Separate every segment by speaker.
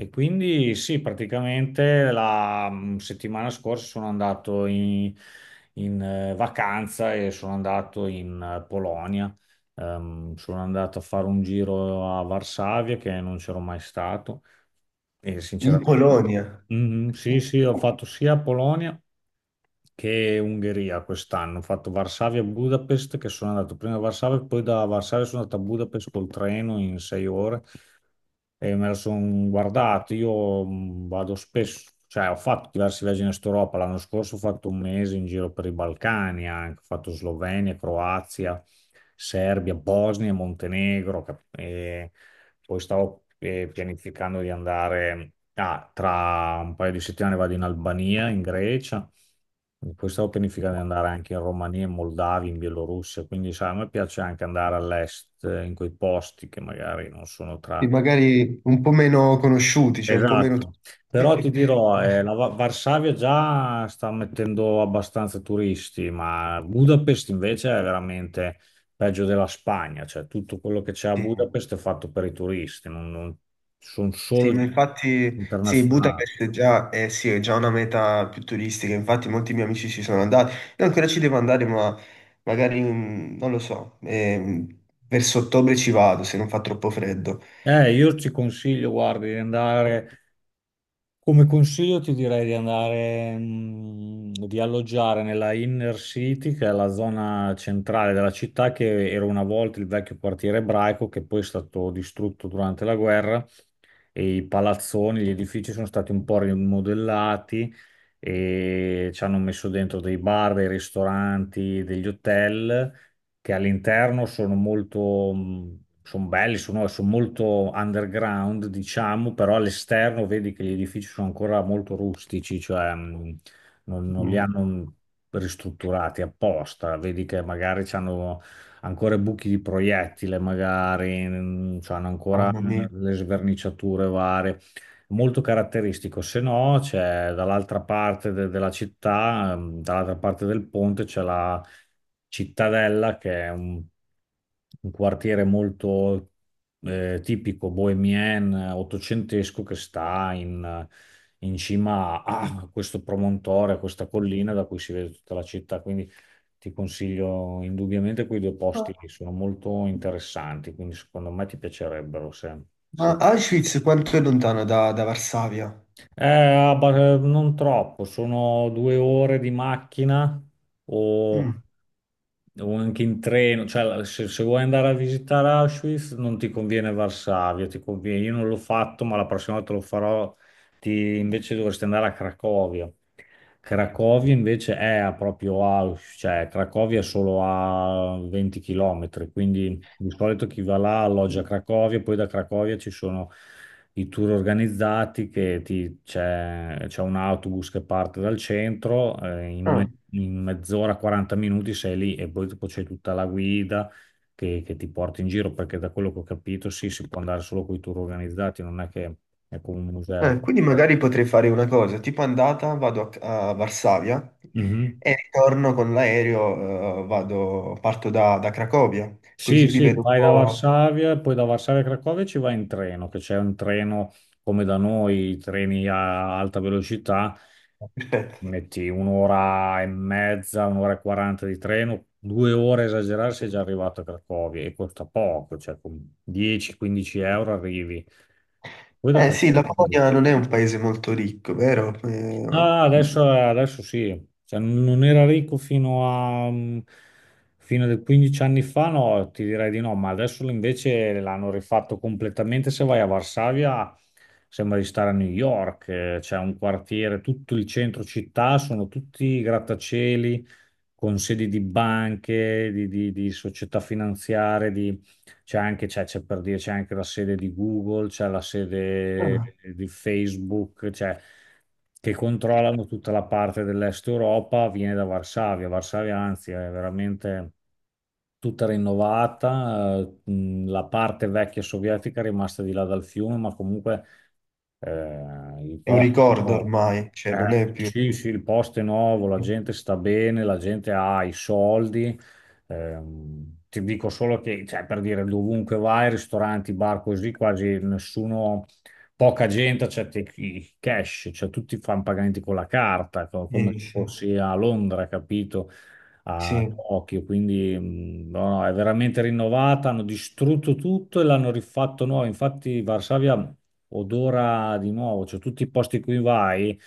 Speaker 1: E quindi sì, praticamente la settimana scorsa sono andato in vacanza e sono andato in Polonia. Sono andato a fare un giro a Varsavia che non c'ero mai stato e
Speaker 2: In
Speaker 1: sinceramente.
Speaker 2: Polonia,
Speaker 1: Mm, sì, sì, ho fatto sia Polonia che Ungheria quest'anno. Ho fatto Varsavia e Budapest, che sono andato prima a Varsavia, poi da Varsavia sono andato a Budapest col treno in 6 ore e me lo sono guardato. Io vado spesso, cioè ho fatto diversi viaggi in Est Europa. L'anno scorso ho fatto un mese in giro per i Balcani, anche. Ho fatto Slovenia, Croazia, Serbia, Bosnia, Montenegro. E poi stavo pianificando di andare, tra un paio di settimane vado in Albania, in Grecia. E poi stavo pianificando di andare anche in Romania, in Moldavia, in Bielorussia, quindi sai, a me piace anche andare all'est, in quei posti che magari non sono
Speaker 2: e
Speaker 1: tra.
Speaker 2: magari un po' meno conosciuti, cioè un po' meno...
Speaker 1: Esatto, però ti dirò, la Varsavia già sta mettendo abbastanza turisti, ma Budapest invece è veramente peggio della Spagna, cioè tutto quello che c'è a
Speaker 2: Sì,
Speaker 1: Budapest è fatto per i turisti, sono
Speaker 2: sì,
Speaker 1: solo
Speaker 2: ma infatti sì,
Speaker 1: internazionali.
Speaker 2: Budapest è già, sì, è già una meta più turistica. Infatti molti miei amici ci sono andati, io ancora ci devo andare, ma magari, non lo so, verso ottobre ci vado se non fa troppo freddo.
Speaker 1: Io ci consiglio, guardi, di andare. Come consiglio ti direi di andare, di alloggiare nella Inner City, che è la zona centrale della città, che era una volta il vecchio quartiere ebraico, che poi è stato distrutto durante la guerra e i palazzoni, gli edifici sono stati un po' rimodellati e ci hanno messo dentro dei bar, dei ristoranti, degli hotel che all'interno sono molto, sono belli, sono molto underground, diciamo, però all'esterno vedi che gli edifici sono ancora molto rustici, cioè non li
Speaker 2: Mm,
Speaker 1: hanno ristrutturati apposta, vedi che magari ci hanno ancora buchi di proiettile magari, cioè hanno ancora
Speaker 2: mamma mia.
Speaker 1: le sverniciature varie. Molto caratteristico, se no c'è dall'altra parte della città, dall'altra parte del ponte c'è la cittadella che è un quartiere molto tipico bohemien, ottocentesco che sta in cima a questo promontorio, a questa collina da cui si vede tutta la città, quindi ti consiglio indubbiamente quei due
Speaker 2: Ma
Speaker 1: posti lì, sono molto interessanti, quindi secondo me ti piacerebbero
Speaker 2: ma
Speaker 1: se-
Speaker 2: Auschwitz quanto è lontano da, da Varsavia?
Speaker 1: non troppo, sono 2 ore di macchina
Speaker 2: Mm.
Speaker 1: o, o anche in treno, cioè se vuoi andare a visitare Auschwitz non ti conviene Varsavia, ti conviene, io non l'ho fatto ma la prossima volta lo farò, invece dovresti andare a Cracovia. Cracovia invece è a proprio a, cioè Cracovia è solo a 20 km, quindi di solito chi va là alloggia a Cracovia, poi da Cracovia ci sono i tour organizzati che c'è un autobus che parte dal centro,
Speaker 2: Ah.
Speaker 1: in mezz'ora, 40 minuti sei lì e poi dopo c'è tutta la guida che ti porta in giro, perché da quello che ho capito sì, si può andare solo con i tour organizzati, non è che è come un museo.
Speaker 2: Quindi magari potrei fare una cosa, tipo andata vado a, a Varsavia
Speaker 1: Mhm.
Speaker 2: e ritorno con l'aereo, vado, parto da, da Cracovia,
Speaker 1: Sì,
Speaker 2: così li
Speaker 1: sì,
Speaker 2: vedo un
Speaker 1: vai da
Speaker 2: po'...
Speaker 1: Varsavia, poi da Varsavia a Cracovia ci vai in treno, che c'è un treno come da noi, i treni a alta velocità, che ti
Speaker 2: Perfetto.
Speaker 1: metti un'ora e mezza, un'ora e quaranta di treno, 2 ore a esagerare sei già arrivato a Cracovia e costa poco, cioè con 10-15 euro arrivi. Poi da
Speaker 2: Eh sì, la
Speaker 1: Cracovia.
Speaker 2: Polonia non è un paese molto ricco, vero?
Speaker 1: Ah, adesso, adesso sì, cioè, non era ricco fino a 15 anni fa, no, ti direi di no, ma adesso invece l'hanno rifatto completamente. Se vai a Varsavia sembra di stare a New York, c'è un quartiere, tutto il centro città, sono tutti grattacieli con sedi di banche, di società finanziarie, di c'è anche, c'è per dire, c'è anche la sede di Google, c'è la sede
Speaker 2: Ah,
Speaker 1: di Facebook, cioè, che controllano tutta la parte dell'Est Europa, viene da Varsavia. Varsavia, anzi, è veramente tutta rinnovata. La parte vecchia sovietica è rimasta di là dal fiume, ma comunque il
Speaker 2: è un
Speaker 1: posto è
Speaker 2: ricordo
Speaker 1: nuovo.
Speaker 2: ormai, cioè non è più...
Speaker 1: Sì, sì, il posto è nuovo, la gente sta bene, la gente ha i soldi. Ti dico solo che, cioè, per dire, dovunque vai, ristoranti, bar, così, quasi nessuno, poca gente accetta i cash, cioè tutti fanno pagamenti con la carta, come se
Speaker 2: Sì,
Speaker 1: fossi a Londra, capito? A
Speaker 2: sì.
Speaker 1: Tokyo, quindi no, no, è veramente rinnovata, hanno distrutto tutto e l'hanno rifatto nuovo. Infatti Varsavia odora di nuovo, cioè tutti i posti in cui vai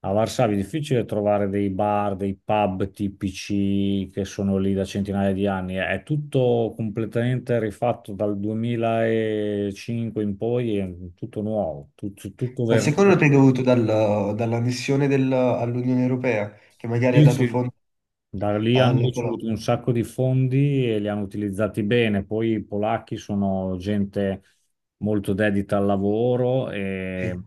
Speaker 1: a Varsavia è difficile trovare dei bar, dei pub tipici che sono lì da centinaia di anni, è tutto completamente rifatto dal 2005 in poi, è tutto nuovo, tutto, tutto
Speaker 2: Al secondo
Speaker 1: vernicato.
Speaker 2: te è dovuto dal- dall'annessione del- all'Unione Europea, che magari ha
Speaker 1: Sì,
Speaker 2: dato
Speaker 1: sì.
Speaker 2: fondo
Speaker 1: Da lì hanno
Speaker 2: alla Polonia.
Speaker 1: ricevuto un sacco di fondi e li hanno utilizzati bene. Poi i polacchi sono gente molto dedita al lavoro
Speaker 2: Sì.
Speaker 1: e,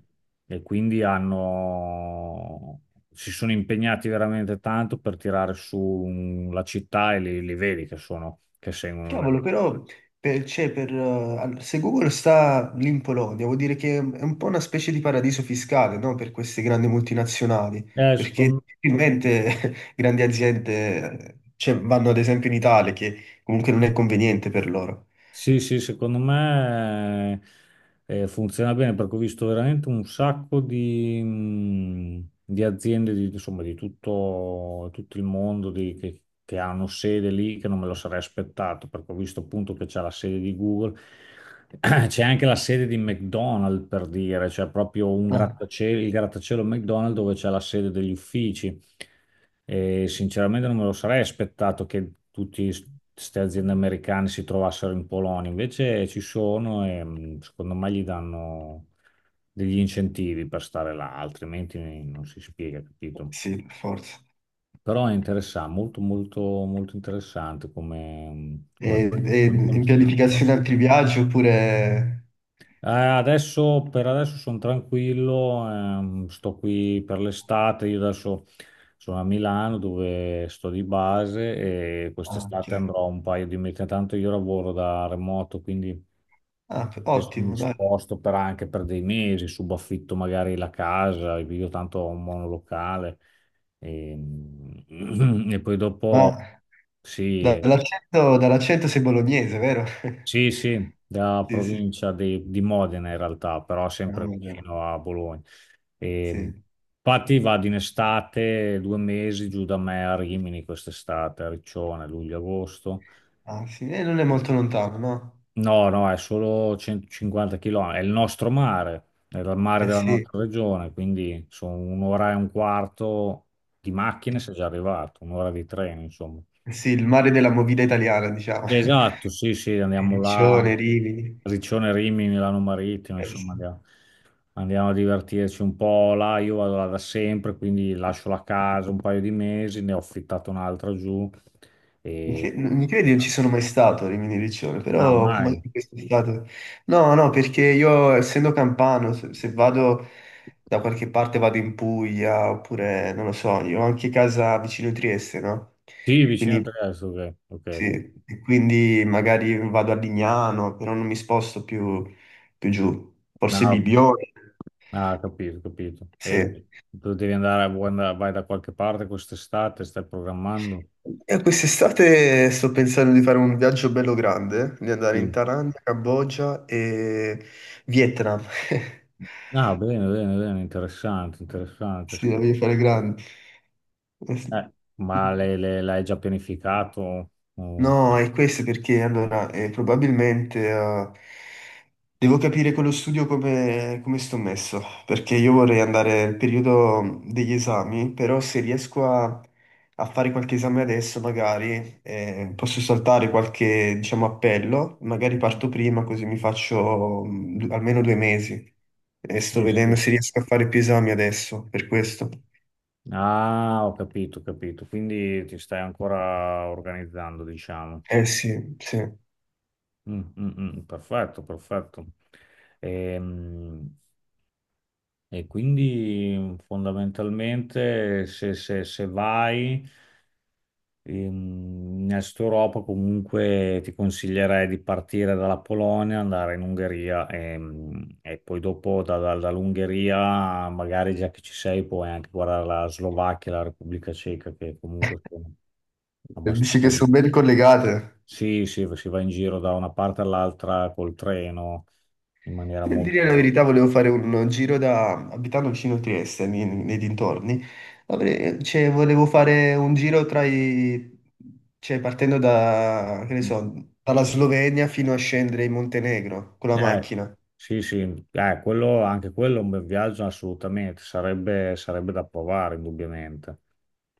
Speaker 1: e quindi hanno, si sono impegnati veramente tanto per tirare su la città e li vedi che seguono le.
Speaker 2: Cavolo, però per, c'è per, all- se Google sta lì in Polonia, vuol dire che è un po' una specie di paradiso fiscale, no? Per queste grandi multinazionali, perché
Speaker 1: Secondo me.
Speaker 2: difficilmente grandi aziende, cioè, vanno ad esempio in Italia, che comunque non è conveniente per loro.
Speaker 1: Sì, sì, secondo me funziona bene perché ho visto veramente un sacco di aziende di, insomma, di tutto, tutto il mondo che hanno sede lì che non me lo sarei aspettato perché ho visto appunto che c'è la sede di Google, c'è anche la sede di McDonald's per dire, c'è proprio un
Speaker 2: Ah,
Speaker 1: grattacielo, il grattacielo McDonald's dove c'è la sede degli uffici. E sinceramente non me lo sarei aspettato che tutte queste aziende americane si trovassero in Polonia, invece ci sono e secondo me gli danno degli incentivi per stare là, altrimenti non si spiega, capito?
Speaker 2: sì, per forza.
Speaker 1: Però è interessante, molto molto molto interessante come, mm, come paese,
Speaker 2: E
Speaker 1: te lo
Speaker 2: in
Speaker 1: consiglio. Guarda.
Speaker 2: pianificazione altri viaggi oppure...
Speaker 1: Adesso, per adesso sono tranquillo, sto qui per l'estate, io adesso sono a Milano dove sto di base e
Speaker 2: Ah, ok.
Speaker 1: quest'estate andrò un paio di mesi, tanto io lavoro da remoto, quindi
Speaker 2: Ah,
Speaker 1: adesso mi
Speaker 2: ottimo, dai.
Speaker 1: sposto per anche per dei mesi, subaffitto magari la casa, io tanto ho un monolocale e, e poi dopo
Speaker 2: Ma
Speaker 1: sì,
Speaker 2: dall'accento dall'accento sei bolognese, vero?
Speaker 1: sì, sì, da
Speaker 2: Sì, sì.
Speaker 1: provincia di Modena in realtà, però
Speaker 2: Ah,
Speaker 1: sempre
Speaker 2: vabbè.
Speaker 1: vicino a Bologna. E,
Speaker 2: Sì,
Speaker 1: infatti vado in estate, 2 mesi giù da me a Rimini quest'estate, a Riccione, luglio-agosto.
Speaker 2: ah, sì. E non è molto lontano, no?
Speaker 1: No, no, è solo 150 km, è il nostro mare, è il mare
Speaker 2: Eh
Speaker 1: della
Speaker 2: sì,
Speaker 1: nostra regione, quindi sono un'ora e un quarto di macchine sei già arrivato, un'ora di treno, insomma.
Speaker 2: eh sì, il mare della movida italiana, diciamo.
Speaker 1: Esatto, sì, sì, andiamo là,
Speaker 2: Riccione, Rimini.
Speaker 1: Riccione, Rimini, Milano Marittimo,
Speaker 2: Eh
Speaker 1: insomma,
Speaker 2: sì.
Speaker 1: andiamo a divertirci un po' là, io vado là da sempre, quindi lascio la casa un paio di mesi, ne ho affittato un'altra giù,
Speaker 2: Mi
Speaker 1: e...
Speaker 2: cre- mi credi, non ci sono mai stato a Rimini Riccione,
Speaker 1: Ah,
Speaker 2: però
Speaker 1: mai?
Speaker 2: magari quest'estate... No, no, perché io essendo campano, se, se vado da qualche parte vado in Puglia, oppure non lo so, io ho anche casa vicino Trieste, no?
Speaker 1: Sì, vicino a
Speaker 2: Quindi
Speaker 1: Trieste, ok, ok,
Speaker 2: sì,
Speaker 1: ok.
Speaker 2: e quindi magari vado a Lignano, però non mi sposto più, più giù. Forse
Speaker 1: No,
Speaker 2: Bibione,
Speaker 1: ah, capito, capito. E
Speaker 2: sì.
Speaker 1: tu devi andare, vai da qualche parte quest'estate, stai programmando?
Speaker 2: E quest'estate sto pensando di fare un viaggio bello grande, di andare in
Speaker 1: Sì.
Speaker 2: Thailandia, Cambogia e Vietnam.
Speaker 1: Ah, bene, bene, bene, interessante, interessante.
Speaker 2: Sì, la voglio fare grande. Eh sì.
Speaker 1: Ma l'hai già pianificato? Oh,
Speaker 2: No, è questo perché allora probabilmente devo capire con lo studio come, come sto messo, perché io vorrei andare al periodo degli esami, però se riesco a, a fare qualche esame adesso magari posso saltare qualche, diciamo, appello, magari parto prima così mi faccio du- almeno due mesi e sto
Speaker 1: sì,
Speaker 2: vedendo
Speaker 1: sì.
Speaker 2: se riesco a fare più esami adesso, per questo.
Speaker 1: Ah, ho capito, ho capito. Quindi ti stai ancora organizzando, diciamo.
Speaker 2: Eh sì, sì.
Speaker 1: Mm, mm, mm, perfetto, perfetto. Ehm, quindi fondamentalmente se vai. In Est Europa comunque ti consiglierei di partire dalla Polonia, andare in Ungheria e poi dopo dall'Ungheria, magari già che ci sei, puoi anche guardare la Slovacchia, la Repubblica Ceca, che comunque sono
Speaker 2: Dici
Speaker 1: abbastanza.
Speaker 2: che sono ben collegate.
Speaker 1: Sì, sì, si va in giro da una parte all'altra col treno in maniera
Speaker 2: Per dire la
Speaker 1: molto.
Speaker 2: verità, volevo fare un giro da, abitando vicino a Trieste, nei, nei dintorni, avrei- cioè, volevo fare un giro tra i, cioè, partendo da, che ne so, dalla Slovenia fino a scendere in Montenegro con la
Speaker 1: Eh,
Speaker 2: macchina.
Speaker 1: sì, sì, anche quello è un bel viaggio assolutamente, sarebbe da provare indubbiamente.